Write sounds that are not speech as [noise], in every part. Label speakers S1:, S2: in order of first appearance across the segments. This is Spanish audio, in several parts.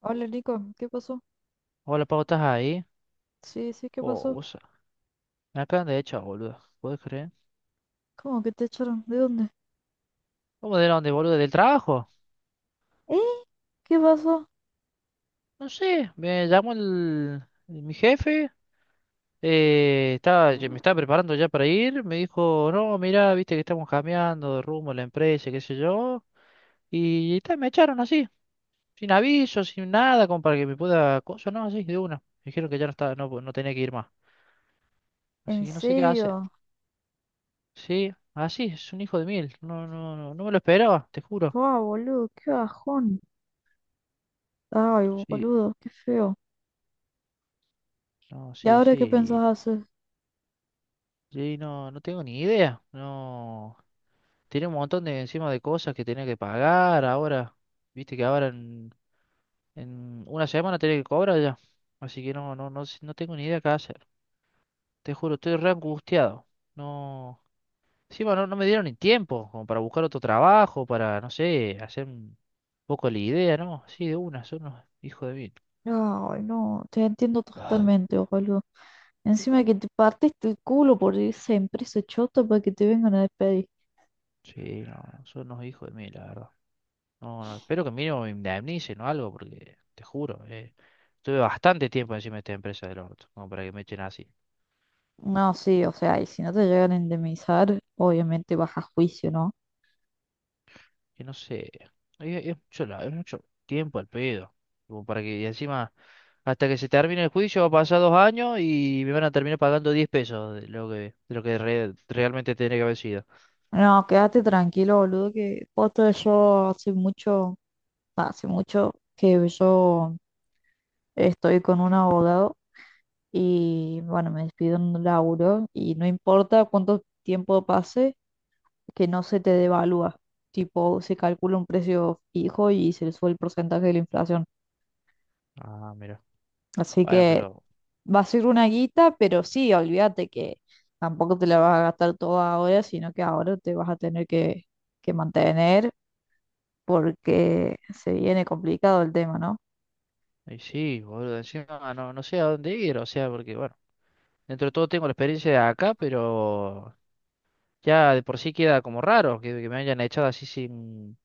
S1: Hola Nico, ¿qué pasó?
S2: Hola, Pau, ¿estás ahí?
S1: Sí, sí, ¿qué
S2: Oh,
S1: pasó?
S2: vos. Me acaban de echar, boludo. ¿Puedes creer?
S1: ¿Cómo que te echaron? ¿De dónde?
S2: ¿Cómo de dónde, boludo? ¿Del trabajo?
S1: ¿Eh? ¿Qué pasó?
S2: No sé, me llamó mi jefe. Ya me estaba preparando ya para ir. Me dijo, no, mira, viste que estamos cambiando de rumbo la empresa, qué sé yo. Y, ta, me echaron así, sin aviso, sin nada, como para que me pueda. Cosa, no, así, de una. Me dijeron que ya no tenía que ir más. Así
S1: ¿En
S2: que no sé qué hacer.
S1: serio?
S2: Sí, así, es un hijo de mil. No, no, no, no me lo esperaba, te juro.
S1: ¡Wow, boludo! ¡Qué bajón! Ay,
S2: Sí.
S1: boludo, qué feo.
S2: No,
S1: ¿Y
S2: sí,
S1: ahora qué pensás
S2: sí.
S1: hacer?
S2: Sí, no tengo ni idea. No. Tiene un montón de encima de cosas que tenía que pagar ahora. Viste que ahora en una semana tenía que cobrar ya. Así que no tengo ni idea qué hacer. Te juro, estoy re angustiado. No. Encima no me dieron ni tiempo como para buscar otro trabajo, para, no sé, hacer un poco la idea, ¿no? Sí, de una, son unos hijos de mil.
S1: Ay, no, te entiendo totalmente, boludo. Encima que te partiste el culo por esa empresa chota para que te vengan a despedir.
S2: Sí, no, son unos hijos de mil, la verdad. No, no, espero que mínimo me indemnicen o algo, porque te juro, eh. Tuve bastante tiempo encima de esta empresa del orto, como para que me echen así.
S1: No, sí, o sea, y si no te llegan a indemnizar, obviamente vas a juicio, ¿no?
S2: Que no sé, es mucho tiempo al pedo. Como para que, y encima, hasta que se termine el juicio, va a pasar 2 años y me van a terminar pagando 10 pesos de lo que, realmente tendría que haber sido.
S1: No, quédate tranquilo, boludo, que posta yo hace mucho. Hace mucho que yo estoy con un abogado y bueno, me despido en un laburo y no importa cuánto tiempo pase, que no se te devalúa. Tipo, se calcula un precio fijo y se le sube el porcentaje de la inflación.
S2: Ah, mira.
S1: Así
S2: Bueno,
S1: que
S2: pero,
S1: va a ser una guita, pero sí, olvídate que tampoco te la vas a gastar toda ahora, sino que ahora te vas a tener que mantener porque se viene complicado el tema, ¿no?
S2: y sí, boludo, encima no sé a dónde ir, o sea, porque, bueno, dentro de todo tengo la experiencia de acá, pero ya de por sí queda como raro que me hayan echado así sin,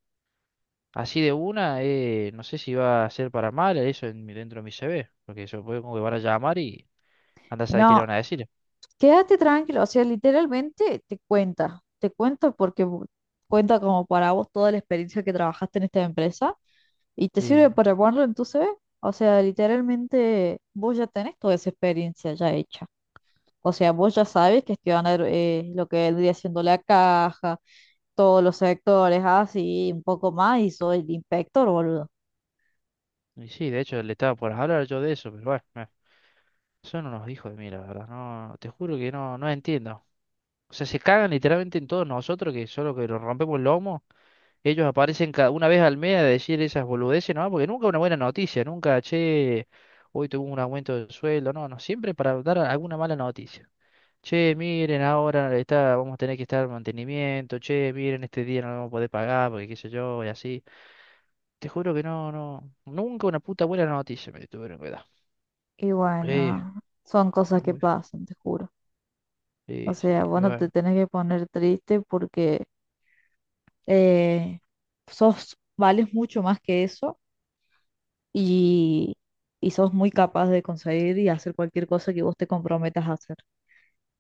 S2: así de una, no sé si va a ser para mal eso dentro de mi CV, porque eso puede como que van a llamar y anda a saber qué le van
S1: No,
S2: a decir.
S1: quédate tranquilo, o sea, literalmente te cuenta porque cuenta como para vos toda la experiencia que trabajaste en esta empresa y te
S2: Y,
S1: sirve para ponerlo en tu CV. O sea, literalmente vos ya tenés toda esa experiencia ya hecha. O sea, vos ya sabes gestionar lo que vendría siendo la caja, todos los sectores, así, un poco más, y soy el inspector, boludo.
S2: y sí, de hecho le estaba por hablar yo de eso, pero bueno, son unos hijos de mí, la verdad, no, te juro que no entiendo. O sea, se cagan literalmente en todos nosotros, que solo que nos rompemos el lomo, ellos aparecen cada una vez al mes a decir esas boludeces, ¿no? Porque nunca una buena noticia, nunca, che, hoy tuvo un aumento de sueldo, no, no, siempre para dar alguna mala noticia. Che, miren, ahora está, vamos a tener que estar en mantenimiento. Che, miren, este día no lo vamos a poder pagar porque qué sé yo, y así. Te juro que no, no. Nunca una puta buena noticia me tuvieron que dar.
S1: Y
S2: Sí,
S1: bueno,
S2: es
S1: son cosas que
S2: muy feo.
S1: pasan, te juro. O
S2: Sí, sí,
S1: sea, vos
S2: pero
S1: no te
S2: bueno.
S1: tenés que poner triste porque eh, sos, vales mucho más que eso y, y sos muy capaz de conseguir y hacer cualquier cosa que vos te comprometas a hacer.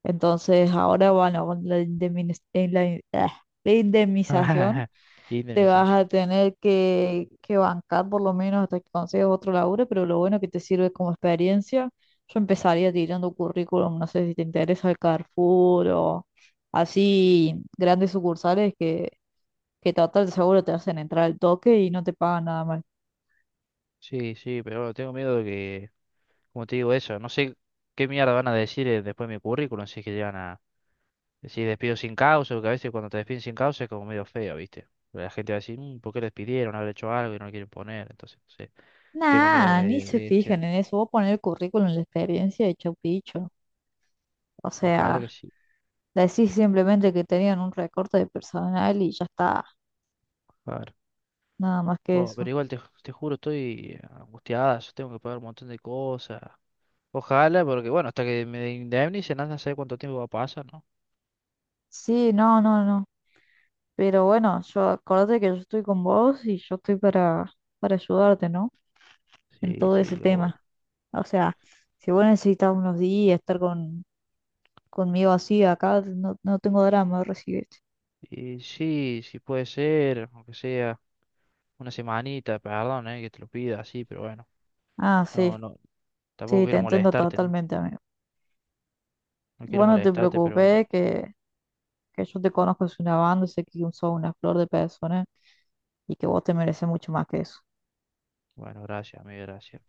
S1: Entonces, ahora, bueno, con la, indemniz- la in- ah, la indemnización
S2: [laughs]
S1: te vas
S2: Indemnización.
S1: a tener que bancar por lo menos hasta que consigas otro laburo, pero lo bueno que te sirve como experiencia, yo empezaría tirando currículum, no sé si te interesa el Carrefour o así grandes sucursales que total seguro te hacen entrar al toque y no te pagan nada mal.
S2: Sí, sí, pero bueno, tengo miedo de que, como te digo eso, no sé qué mierda van a decir después de mi currículum si es que llegan a decir despido sin causa, porque a veces cuando te despiden sin causa es como medio feo, ¿viste? La gente va a decir, "Mm, ¿por qué lo despidieron? Haber hecho algo y no lo quieren poner, entonces. Sí." Tengo miedo
S1: Nah,
S2: que
S1: ni se
S2: me echen.
S1: fijan en eso. Vos poner el currículum, la experiencia de chau picho. O
S2: Ojalá que
S1: sea,
S2: sí.
S1: decís simplemente que tenían un recorte de personal y ya está.
S2: Ojalá.
S1: Nada más que
S2: Oh,
S1: eso.
S2: pero igual te, te juro, estoy angustiada. Yo tengo que pagar un montón de cosas. Ojalá, porque bueno, hasta que me indemnicen, anda a saber cuánto tiempo va a pasar, ¿no?
S1: Sí, no, no, no. Pero bueno, yo acordate que yo estoy con vos y yo estoy para ayudarte, ¿no? En
S2: Sí,
S1: todo ese
S2: sí, obvio.
S1: tema. O sea, si vos necesitas unos días estar conmigo así acá, no, no tengo drama, recibirte.
S2: Y sí, sí puede ser, aunque sea una semanita, perdón, que te lo pida así, pero bueno.
S1: Ah, sí,
S2: No, no, tampoco
S1: sí, te
S2: quiero
S1: entiendo
S2: molestarte, ¿no?
S1: totalmente, amigo.
S2: No quiero
S1: Bueno, no te
S2: molestarte, pero bueno.
S1: preocupes, que yo te conozco es una banda, sé que sos una flor de persona y que vos te mereces mucho más que eso.
S2: Bueno, gracias, amigo, gracias.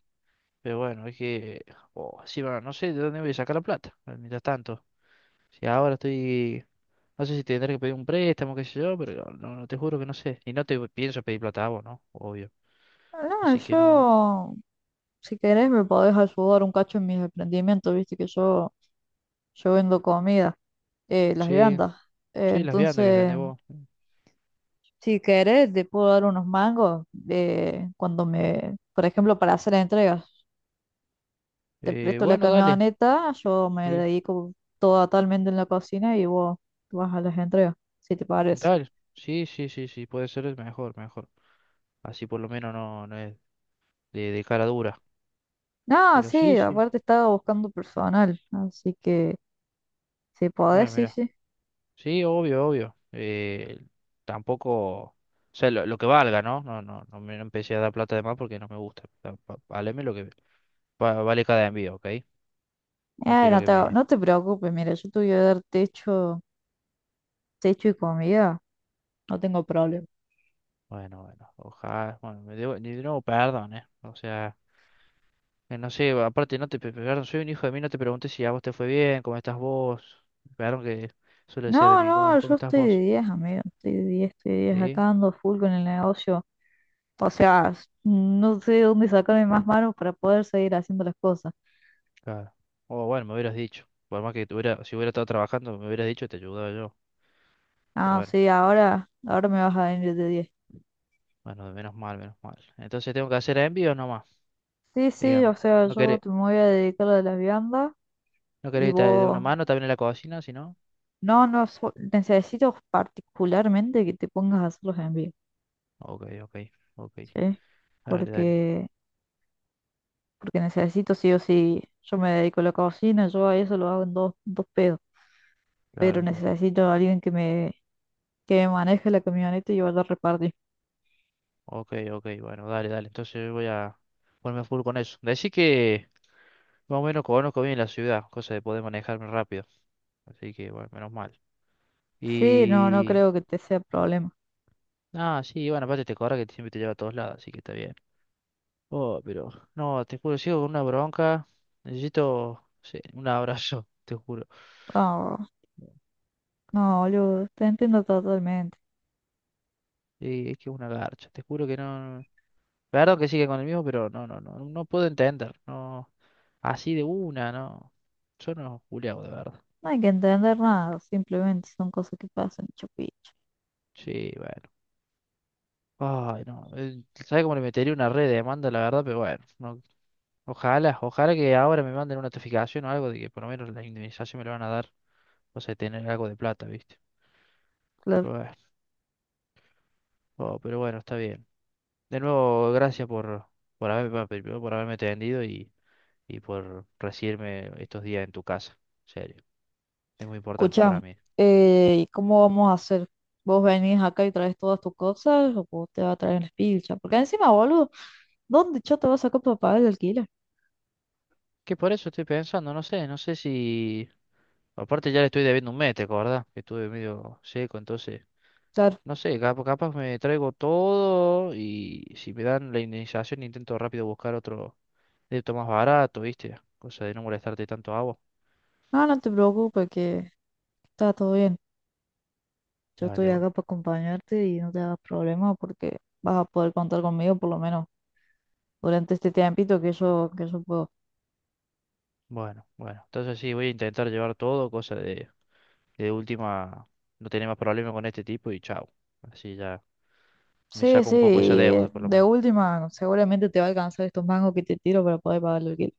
S2: Pero bueno, es que. Oh, sí, bueno, no sé de dónde voy a sacar la plata, mientras tanto. Si ahora estoy. No sé si tendré que pedir un préstamo, qué sé yo, pero no, no te juro que no sé. Y no te pienso pedir plata a vos, ¿no? Obvio.
S1: No,
S2: Así que no.
S1: yo, si querés, me podés ayudar un cacho en mis emprendimientos, viste que yo vendo comida, las
S2: Sí,
S1: viandas.
S2: sí, las viandas que
S1: Entonces,
S2: vendés vos.
S1: si querés, te puedo dar unos mangos cuando me, por ejemplo, para hacer entregas. Te presto la
S2: Bueno, dale.
S1: camioneta, yo me
S2: Sí,
S1: dedico totalmente en la cocina y vos vas a las entregas, si te parece.
S2: dale. Sí, sí, sí, sí, puede ser es mejor, mejor. Así por lo menos no es de cara dura.
S1: No,
S2: Pero sí,
S1: sí,
S2: sí.
S1: aparte estaba buscando personal, así que si podés,
S2: Bueno,
S1: sí,
S2: mira.
S1: sí.
S2: Sí, obvio, obvio. Tampoco. O sea, lo que valga, ¿no? No, no, no me no empecé a dar plata de más porque no me gusta. Valeme lo que vale cada envío, ¿ok? No quiero
S1: No
S2: que
S1: te,
S2: me.
S1: no te preocupes, mira, yo te voy a dar techo, techo y comida, no tengo problema.
S2: Bueno, bueno, ojalá, bueno, de nuevo perdón, ¿eh? O sea, que no sé, aparte no te, pe- perdón, soy un hijo de mí, no te pregunté si a vos te fue bien, cómo estás vos, perdón que suele decir de
S1: No,
S2: mí, ¿cómo,
S1: no,
S2: cómo
S1: yo
S2: estás
S1: estoy de
S2: vos?
S1: 10, amigo, estoy de diez
S2: Sí,
S1: acá ando full con el negocio. O sea, no sé dónde sacarme más manos para poder seguir haciendo las cosas.
S2: claro. O bueno, me hubieras dicho, por más que tuviera, si hubiera estado trabajando, me hubieras dicho y te ayudaba yo, pero
S1: Ah,
S2: bueno,
S1: sí, ahora, ahora me vas a venir de 10.
S2: bueno, menos mal, menos mal. Entonces tengo que hacer envíos nomás,
S1: Sí, sí, o
S2: digamos,
S1: sea,
S2: no querés,
S1: me voy a dedicar a las viandas
S2: no querés
S1: y
S2: estar de una
S1: vos...
S2: mano también en la cocina, si no,
S1: No, no, necesito particularmente que te pongas a hacer los envíos,
S2: ok, ok, ok,
S1: ¿sí?
S2: dale, dale,
S1: Porque, porque necesito sí o sí, yo me dedico a la cocina, yo a eso lo hago en dos, dos pedos, pero
S2: claro, claro.
S1: necesito a alguien que me maneje la camioneta y vaya a repartir.
S2: Ok, ok, bueno, dale, dale. Entonces voy a ponerme a full con eso. Decí que más o menos conozco bien la ciudad, cosa de poder manejarme rápido. Así que, bueno, menos mal.
S1: Sí, no, no
S2: Y.
S1: creo que te sea problema.
S2: Ah, sí, bueno, aparte te corre que siempre te lleva a todos lados, así que está bien. Oh, pero. No, te juro, sigo con una bronca. Necesito, sí, un abrazo, [laughs] te juro.
S1: No, no, yo te entiendo totalmente.
S2: Y es que es una garcha, te juro que no. Claro que sigue con el mismo, pero no, no, no, no puedo entender. No, así de una, no. Yo no, Julián, de verdad.
S1: No hay que entender nada, simplemente son cosas que pasan, chupicho.
S2: Sí, bueno. Ay, no. ¿Sabe cómo le metería una red de demanda, la verdad? Pero bueno, ojalá, ojalá que ahora me manden una notificación o algo de que por lo menos la indemnización me la van a dar. O sea, tener algo de plata, ¿viste?
S1: Claro.
S2: Pero bueno, oh, pero bueno, está bien. De nuevo, gracias por haberme, primero por haberme atendido y por recibirme estos días en tu casa. En serio, es muy importante para
S1: Escuchamos,
S2: mí.
S1: ¿y cómo vamos a hacer? ¿Vos venís acá y traes todas tus cosas o vos te vas a traer el pilcha? Porque encima, boludo, ¿dónde yo te vas a sacar para pagar el alquiler?
S2: Que por eso estoy pensando, no sé si. Aparte ya le estoy debiendo un mes, ¿te acordás? Que estuve medio seco, entonces.
S1: Claro.
S2: No sé, capaz me traigo todo y si me dan la indemnización intento rápido buscar otro débito más barato, ¿viste? Cosa de no molestarte tanto a vos.
S1: No, no te preocupes que está todo bien. Yo estoy
S2: Dale, bueno.
S1: acá para acompañarte y no te hagas problema porque vas a poder contar conmigo por lo menos durante este tiempito que yo puedo.
S2: Bueno, bueno. Entonces sí, voy a intentar llevar todo, cosa de última, no tener más problemas con este tipo y chao. Así ya me
S1: Sí,
S2: saco
S1: sí,
S2: un poco esa
S1: y
S2: deuda, por lo
S1: de
S2: menos.
S1: última, seguramente te va a alcanzar estos mangos que te tiro para poder pagar el alquiler.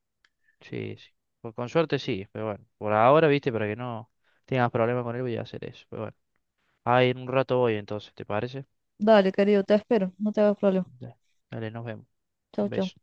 S2: Sí, sí. Con suerte sí, pero bueno. Por ahora, ¿viste? Para que no tengas problemas con él voy a hacer eso. Pero bueno. Ahí en un rato voy entonces, ¿te parece?
S1: Dale, querido, te espero, no te hagas problema.
S2: Dale, dale, nos vemos.
S1: Chau,
S2: Un
S1: chau.
S2: beso.